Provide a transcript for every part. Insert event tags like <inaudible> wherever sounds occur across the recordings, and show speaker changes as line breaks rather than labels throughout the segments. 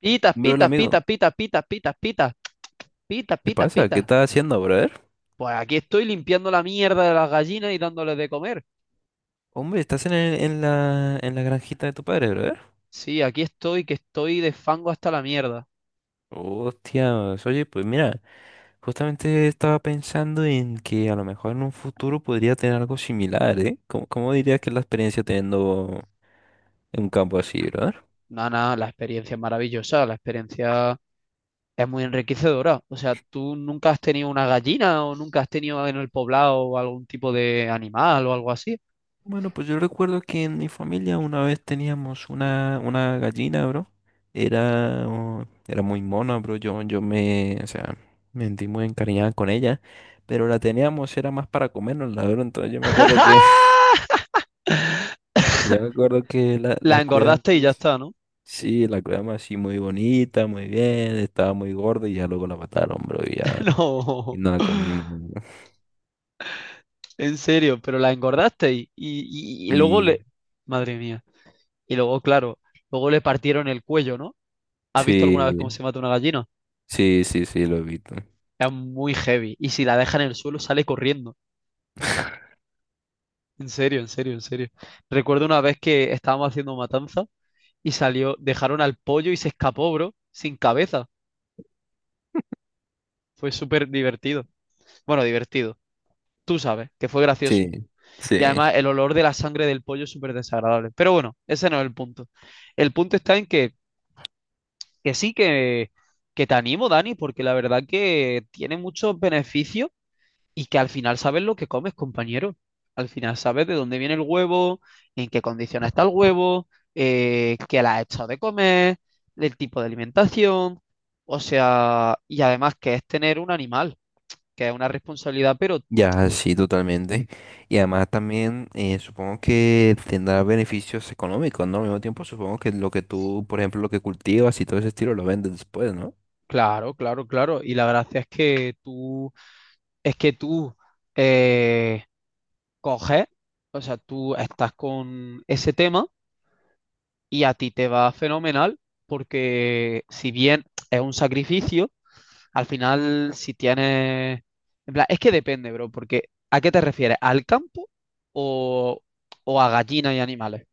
Pitas,
Hombre, hola
pitas, pitas,
amigo,
pitas, pitas, pitas, pitas, pitas,
¿qué
pitas,
pasa? ¿Qué
pitas.
estás haciendo, brother?
Pues aquí estoy limpiando la mierda de las gallinas y dándoles de comer.
Hombre, estás en, en la granjita de tu padre, brother.
Sí, aquí estoy, que estoy de fango hasta la mierda.
Hostia, oye, pues mira, justamente estaba pensando en que a lo mejor en un futuro podría tener algo similar, ¿eh? ¿Cómo dirías que es la experiencia teniendo un campo así, brother?
No, no, la experiencia es maravillosa, la experiencia es muy enriquecedora. O sea, ¿tú nunca has tenido una gallina o nunca has tenido en el poblado algún tipo de animal o algo así?
Bueno, pues yo recuerdo que en mi familia una vez teníamos una gallina, bro. Era, oh, era muy mona, bro. Yo me, o sea, me sentí muy encariñada con ella. Pero la teníamos, era más para comernos, la verdad. Entonces yo me acuerdo que, <laughs>
<laughs>
yo me acuerdo que la,
La
la cuidamos.
engordaste y ya está, ¿no?
Sí, la cuidamos así muy bonita, muy bien. Estaba muy gorda y ya luego la mataron, bro. Y ya,
<laughs> No,
y no la comimos. Bro.
en serio, pero la engordaste y luego
Y
le... Madre mía. Y luego, claro, luego le partieron el cuello, ¿no? ¿Has visto alguna
sí,
vez cómo se mata una gallina?
sí, sí, sí, lo he visto.
Es muy heavy. Y si la deja en el suelo, sale corriendo. En serio, en serio, en serio. Recuerdo una vez que estábamos haciendo matanza y salió, dejaron al pollo y se escapó, bro, sin cabeza. Fue súper divertido. Bueno, divertido. Tú sabes que fue gracioso.
Sí, sí.
Y además el olor de la sangre del pollo es súper desagradable. Pero bueno, ese no es el punto. El punto está en que, que te animo, Dani, porque la verdad que tiene muchos beneficios. Y que al final sabes lo que comes, compañero. Al final sabes de dónde viene el huevo, en qué condiciones está el huevo, qué le has echado de comer, el tipo de alimentación. O sea, y además que es tener un animal, que es una responsabilidad, pero
Ya, sí, totalmente. Y además también supongo que tendrá beneficios económicos, ¿no? Al mismo tiempo supongo que lo que tú, por ejemplo, lo que cultivas y todo ese estilo lo vendes después, ¿no?
claro, claro, claro. Y la gracia es que tú eh, coges, o sea, tú estás con ese tema y a ti te va fenomenal porque, si bien es un sacrificio... Al final, si tienes... En plan, es que depende, bro, porque ¿a qué te refieres? ¿Al campo o, o a gallinas y animales?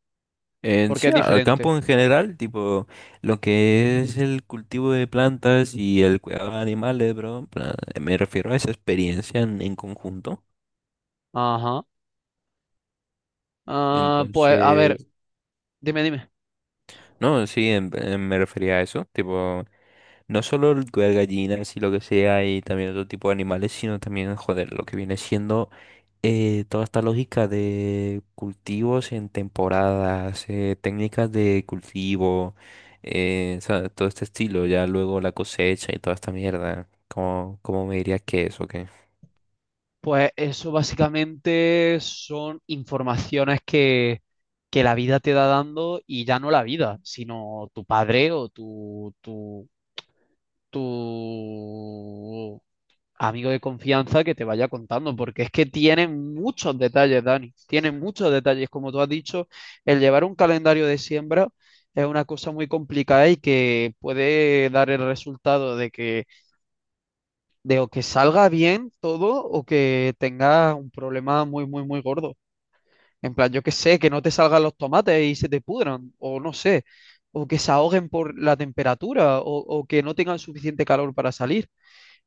En
Porque
sí,
es
al
diferente.
campo en general, tipo lo que es el cultivo de plantas y el cuidado de animales, bro, en plan, me refiero a esa experiencia en conjunto.
Ajá. Ah, pues, a ver,
Entonces,
dime, dime.
no, sí, me refería a eso, tipo... No solo cuidar gallinas y lo que sea, y también otro tipo de animales, sino también, joder, lo que viene siendo toda esta lógica de cultivos en temporadas, técnicas de cultivo, o sea, todo este estilo, ya luego la cosecha y toda esta mierda. ¿Cómo me dirías que es o qué?
Pues eso básicamente son informaciones que la vida te da dando, y ya no la vida, sino tu padre o tu amigo de confianza que te vaya contando, porque es que tienen muchos detalles, Dani, tienen muchos detalles. Como tú has dicho, el llevar un calendario de siembra es una cosa muy complicada y que puede dar el resultado de que de o que salga bien todo o que tengas un problema muy, muy, muy gordo. En plan, yo que sé, que no te salgan los tomates y se te pudran, o no sé, o que se ahoguen por la temperatura, o que no tengan suficiente calor para salir.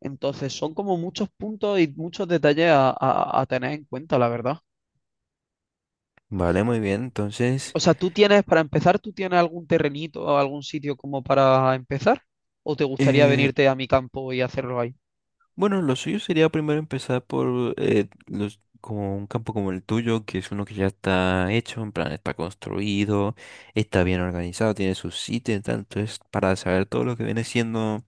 Entonces, son como muchos puntos y muchos detalles a tener en cuenta, la verdad.
Vale, muy bien. Entonces,
O sea, tú tienes, para empezar, ¿tú tienes algún terrenito o algún sitio como para empezar? ¿O te gustaría venirte a mi campo y hacerlo ahí?
bueno, lo suyo sería primero empezar por los, como un campo como el tuyo, que es uno que ya está hecho, en plan está construido, está bien organizado, tiene su sitio y tal. Entonces, para saber todo lo que viene siendo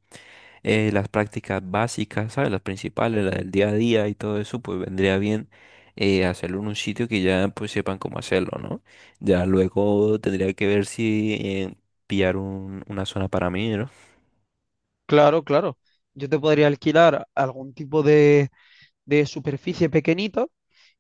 las prácticas básicas, ¿sabes? Las principales, las del día a día y todo eso, pues vendría bien hacerlo en un sitio que ya pues sepan cómo hacerlo, ¿no? Ya luego tendría que ver si pillar una zona para mí, ¿no?
Claro, claro. Yo te podría alquilar algún tipo de superficie pequeñitos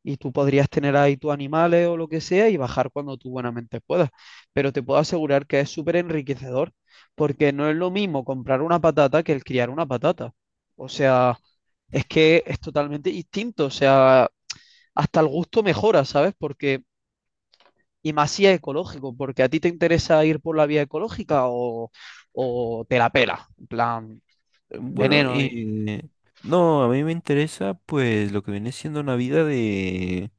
y tú podrías tener ahí tus animales o lo que sea y bajar cuando tú buenamente puedas. Pero te puedo asegurar que es súper enriquecedor porque no es lo mismo comprar una patata que el criar una patata. O sea, es que es totalmente distinto. O sea, hasta el gusto mejora, ¿sabes? Porque, y más si es ecológico, porque a ti te interesa ir por la vía ecológica o te la pela, en plan,
Bueno,
veneno.
no, a mí me interesa pues lo que viene siendo una vida de,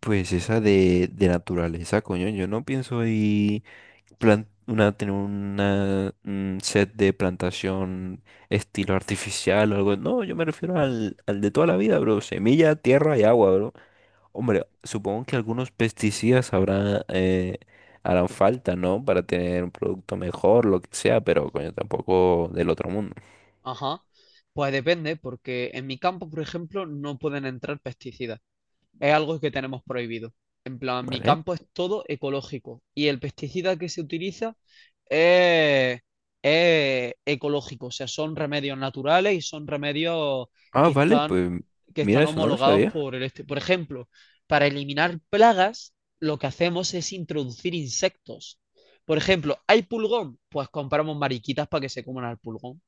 pues esa de naturaleza, coño. Yo no pienso ahí una, tener una, un set de plantación estilo artificial o algo. No, yo me refiero al, al de toda la vida, bro. Semilla, tierra y agua, bro. Hombre, supongo que algunos pesticidas habrá, harán falta, ¿no? Para tener un producto mejor, lo que sea, pero coño, tampoco del otro mundo,
Ajá. Pues depende, porque en mi campo, por ejemplo, no pueden entrar pesticidas. Es algo que tenemos prohibido. En plan, mi
¿vale?
campo es todo ecológico y el pesticida que se utiliza es, es ecológico. O sea, son remedios naturales y son remedios
Ah,
que
vale,
están,
pues
que
mira,
están
eso no lo
homologados
sabía.
por el este. Por ejemplo, para eliminar plagas, lo que hacemos es introducir insectos. Por ejemplo, ¿hay pulgón? Pues compramos mariquitas para que se coman al pulgón.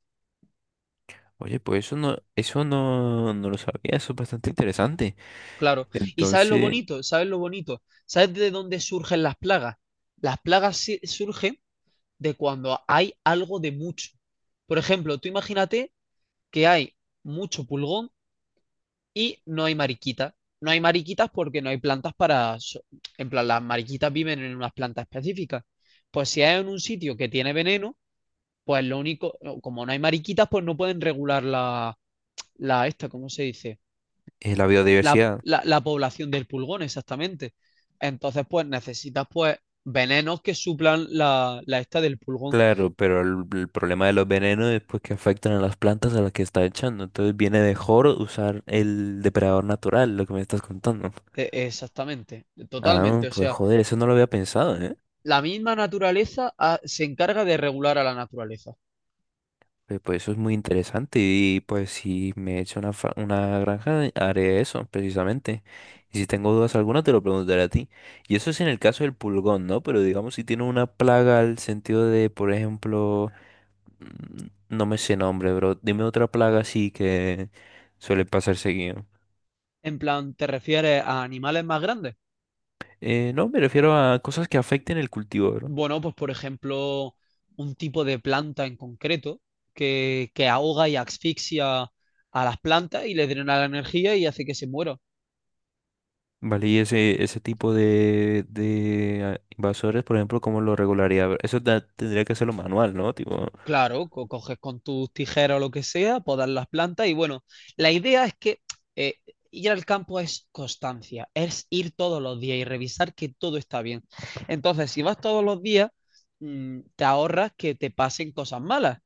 Oye, pues eso no, no lo sabía, eso es bastante interesante.
Claro. ¿Y sabes lo
Entonces,
bonito? ¿Sabes lo bonito? ¿Sabes de dónde surgen las plagas? Las plagas surgen de cuando hay algo de mucho. Por ejemplo, tú imagínate que hay mucho pulgón y no hay mariquitas. No hay mariquitas porque no hay plantas para... En plan, las mariquitas viven en unas plantas específicas. Pues si hay en un sitio que tiene veneno, pues lo único, como no hay mariquitas, pues no pueden regular la, la esta, ¿cómo se dice?
es la
La,
biodiversidad,
la población del pulgón, exactamente. Entonces, pues necesitas pues venenos que suplan la, la esta del pulgón.
claro, pero el problema de los venenos es pues que afectan a las plantas a las que está echando. Entonces viene mejor usar el depredador natural, lo que me estás contando.
Exactamente, totalmente.
Ah,
O
pues
sea,
joder, eso no lo había pensado, ¿eh?
la misma naturaleza se encarga de regular a la naturaleza.
Pues, pues eso es muy interesante y pues si me echo una, una granja haré eso precisamente. Y si tengo dudas alguna te lo preguntaré a ti. Y eso es en el caso del pulgón, ¿no? Pero digamos si tiene una plaga al sentido de, por ejemplo, mm, no me sé nombre, bro. Dime otra plaga así que suele pasar seguido.
En plan, ¿te refieres a animales más grandes?
No, me refiero a cosas que afecten el cultivo, bro.
Bueno, pues por ejemplo, un tipo de planta en concreto que ahoga y asfixia a las plantas y les drena la energía y hace que se mueran.
Vale, y ese tipo de invasores, por ejemplo, ¿cómo lo regularía? Eso tendría que hacerlo manual, ¿no? Tipo...
Claro, coges con tus tijeras o lo que sea, podas las plantas y bueno, la idea es que eh, ir al campo es constancia, es ir todos los días y revisar que todo está bien. Entonces, si vas todos los días, te ahorras que te pasen cosas malas,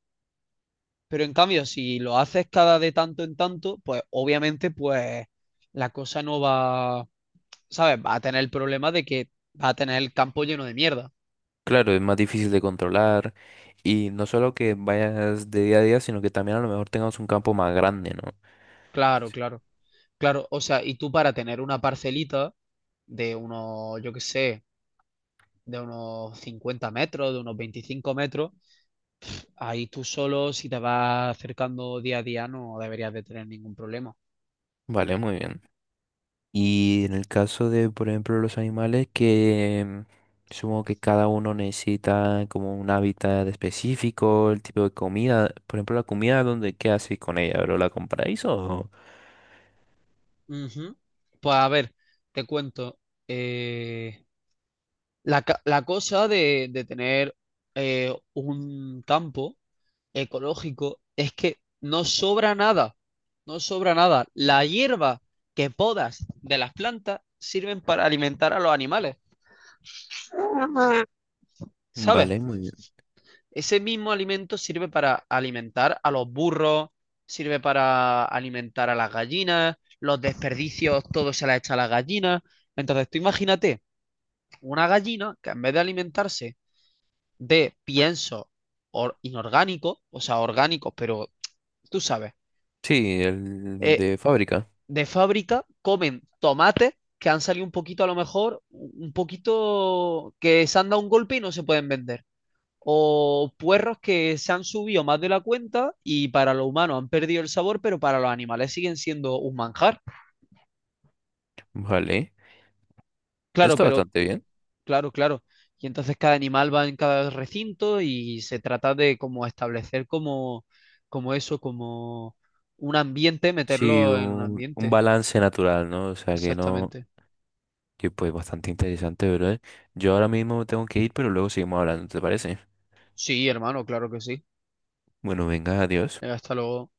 pero en cambio, si lo haces cada de tanto en tanto, pues obviamente pues la cosa no va, ¿sabes? Va a tener el problema de que va a tener el campo lleno de mierda.
Claro, es más difícil de controlar y no solo que vayas de día a día, sino que también a lo mejor tengas un campo más grande, ¿no?
Claro,
Sí.
claro. Claro, o sea, y tú para tener una parcelita de unos, yo qué sé, de unos 50 metros, de unos 25 metros, ahí tú solo, si te vas acercando día a día, no deberías de tener ningún problema.
Vale, muy bien. Y en el caso de, por ejemplo, los animales que supongo que cada uno necesita como un hábitat específico, el tipo de comida, por ejemplo, la comida, ¿dónde qué hacéis con ella, bro? ¿La compráis o...?
Ujú. Pues a ver, te cuento. eh, La, la cosa de tener un campo ecológico es que no sobra nada, no sobra nada. La hierba que podas de las plantas sirven para alimentar a los animales, ¿sabes?
Vale, muy bien.
Ese mismo alimento sirve para alimentar a los burros, sirve para alimentar a las gallinas, los desperdicios, todo se la echa a las gallinas. Entonces, tú imagínate una gallina que en vez de alimentarse de pienso inorgánico, o sea, orgánicos, pero tú sabes,
Sí, el
eh,
de fábrica.
de fábrica, comen tomates que han salido un poquito a lo mejor, un poquito que se han dado un golpe y no se pueden vender. O puerros que se han subido más de la cuenta y para los humanos han perdido el sabor, pero para los animales siguen siendo un manjar.
Vale. Eso
Claro,
está
pero
bastante bien.
claro, claro. Y entonces cada animal va en cada recinto y se trata de como establecer como, como eso, como un ambiente,
Sí,
meterlo en un
un
ambiente.
balance natural, ¿no? O sea, que no...
Exactamente.
Y pues bastante interesante, ¿verdad? Yo ahora mismo tengo que ir, pero luego seguimos hablando, ¿te parece?
Sí, hermano, claro que sí.
Bueno, venga, adiós.
Hasta luego.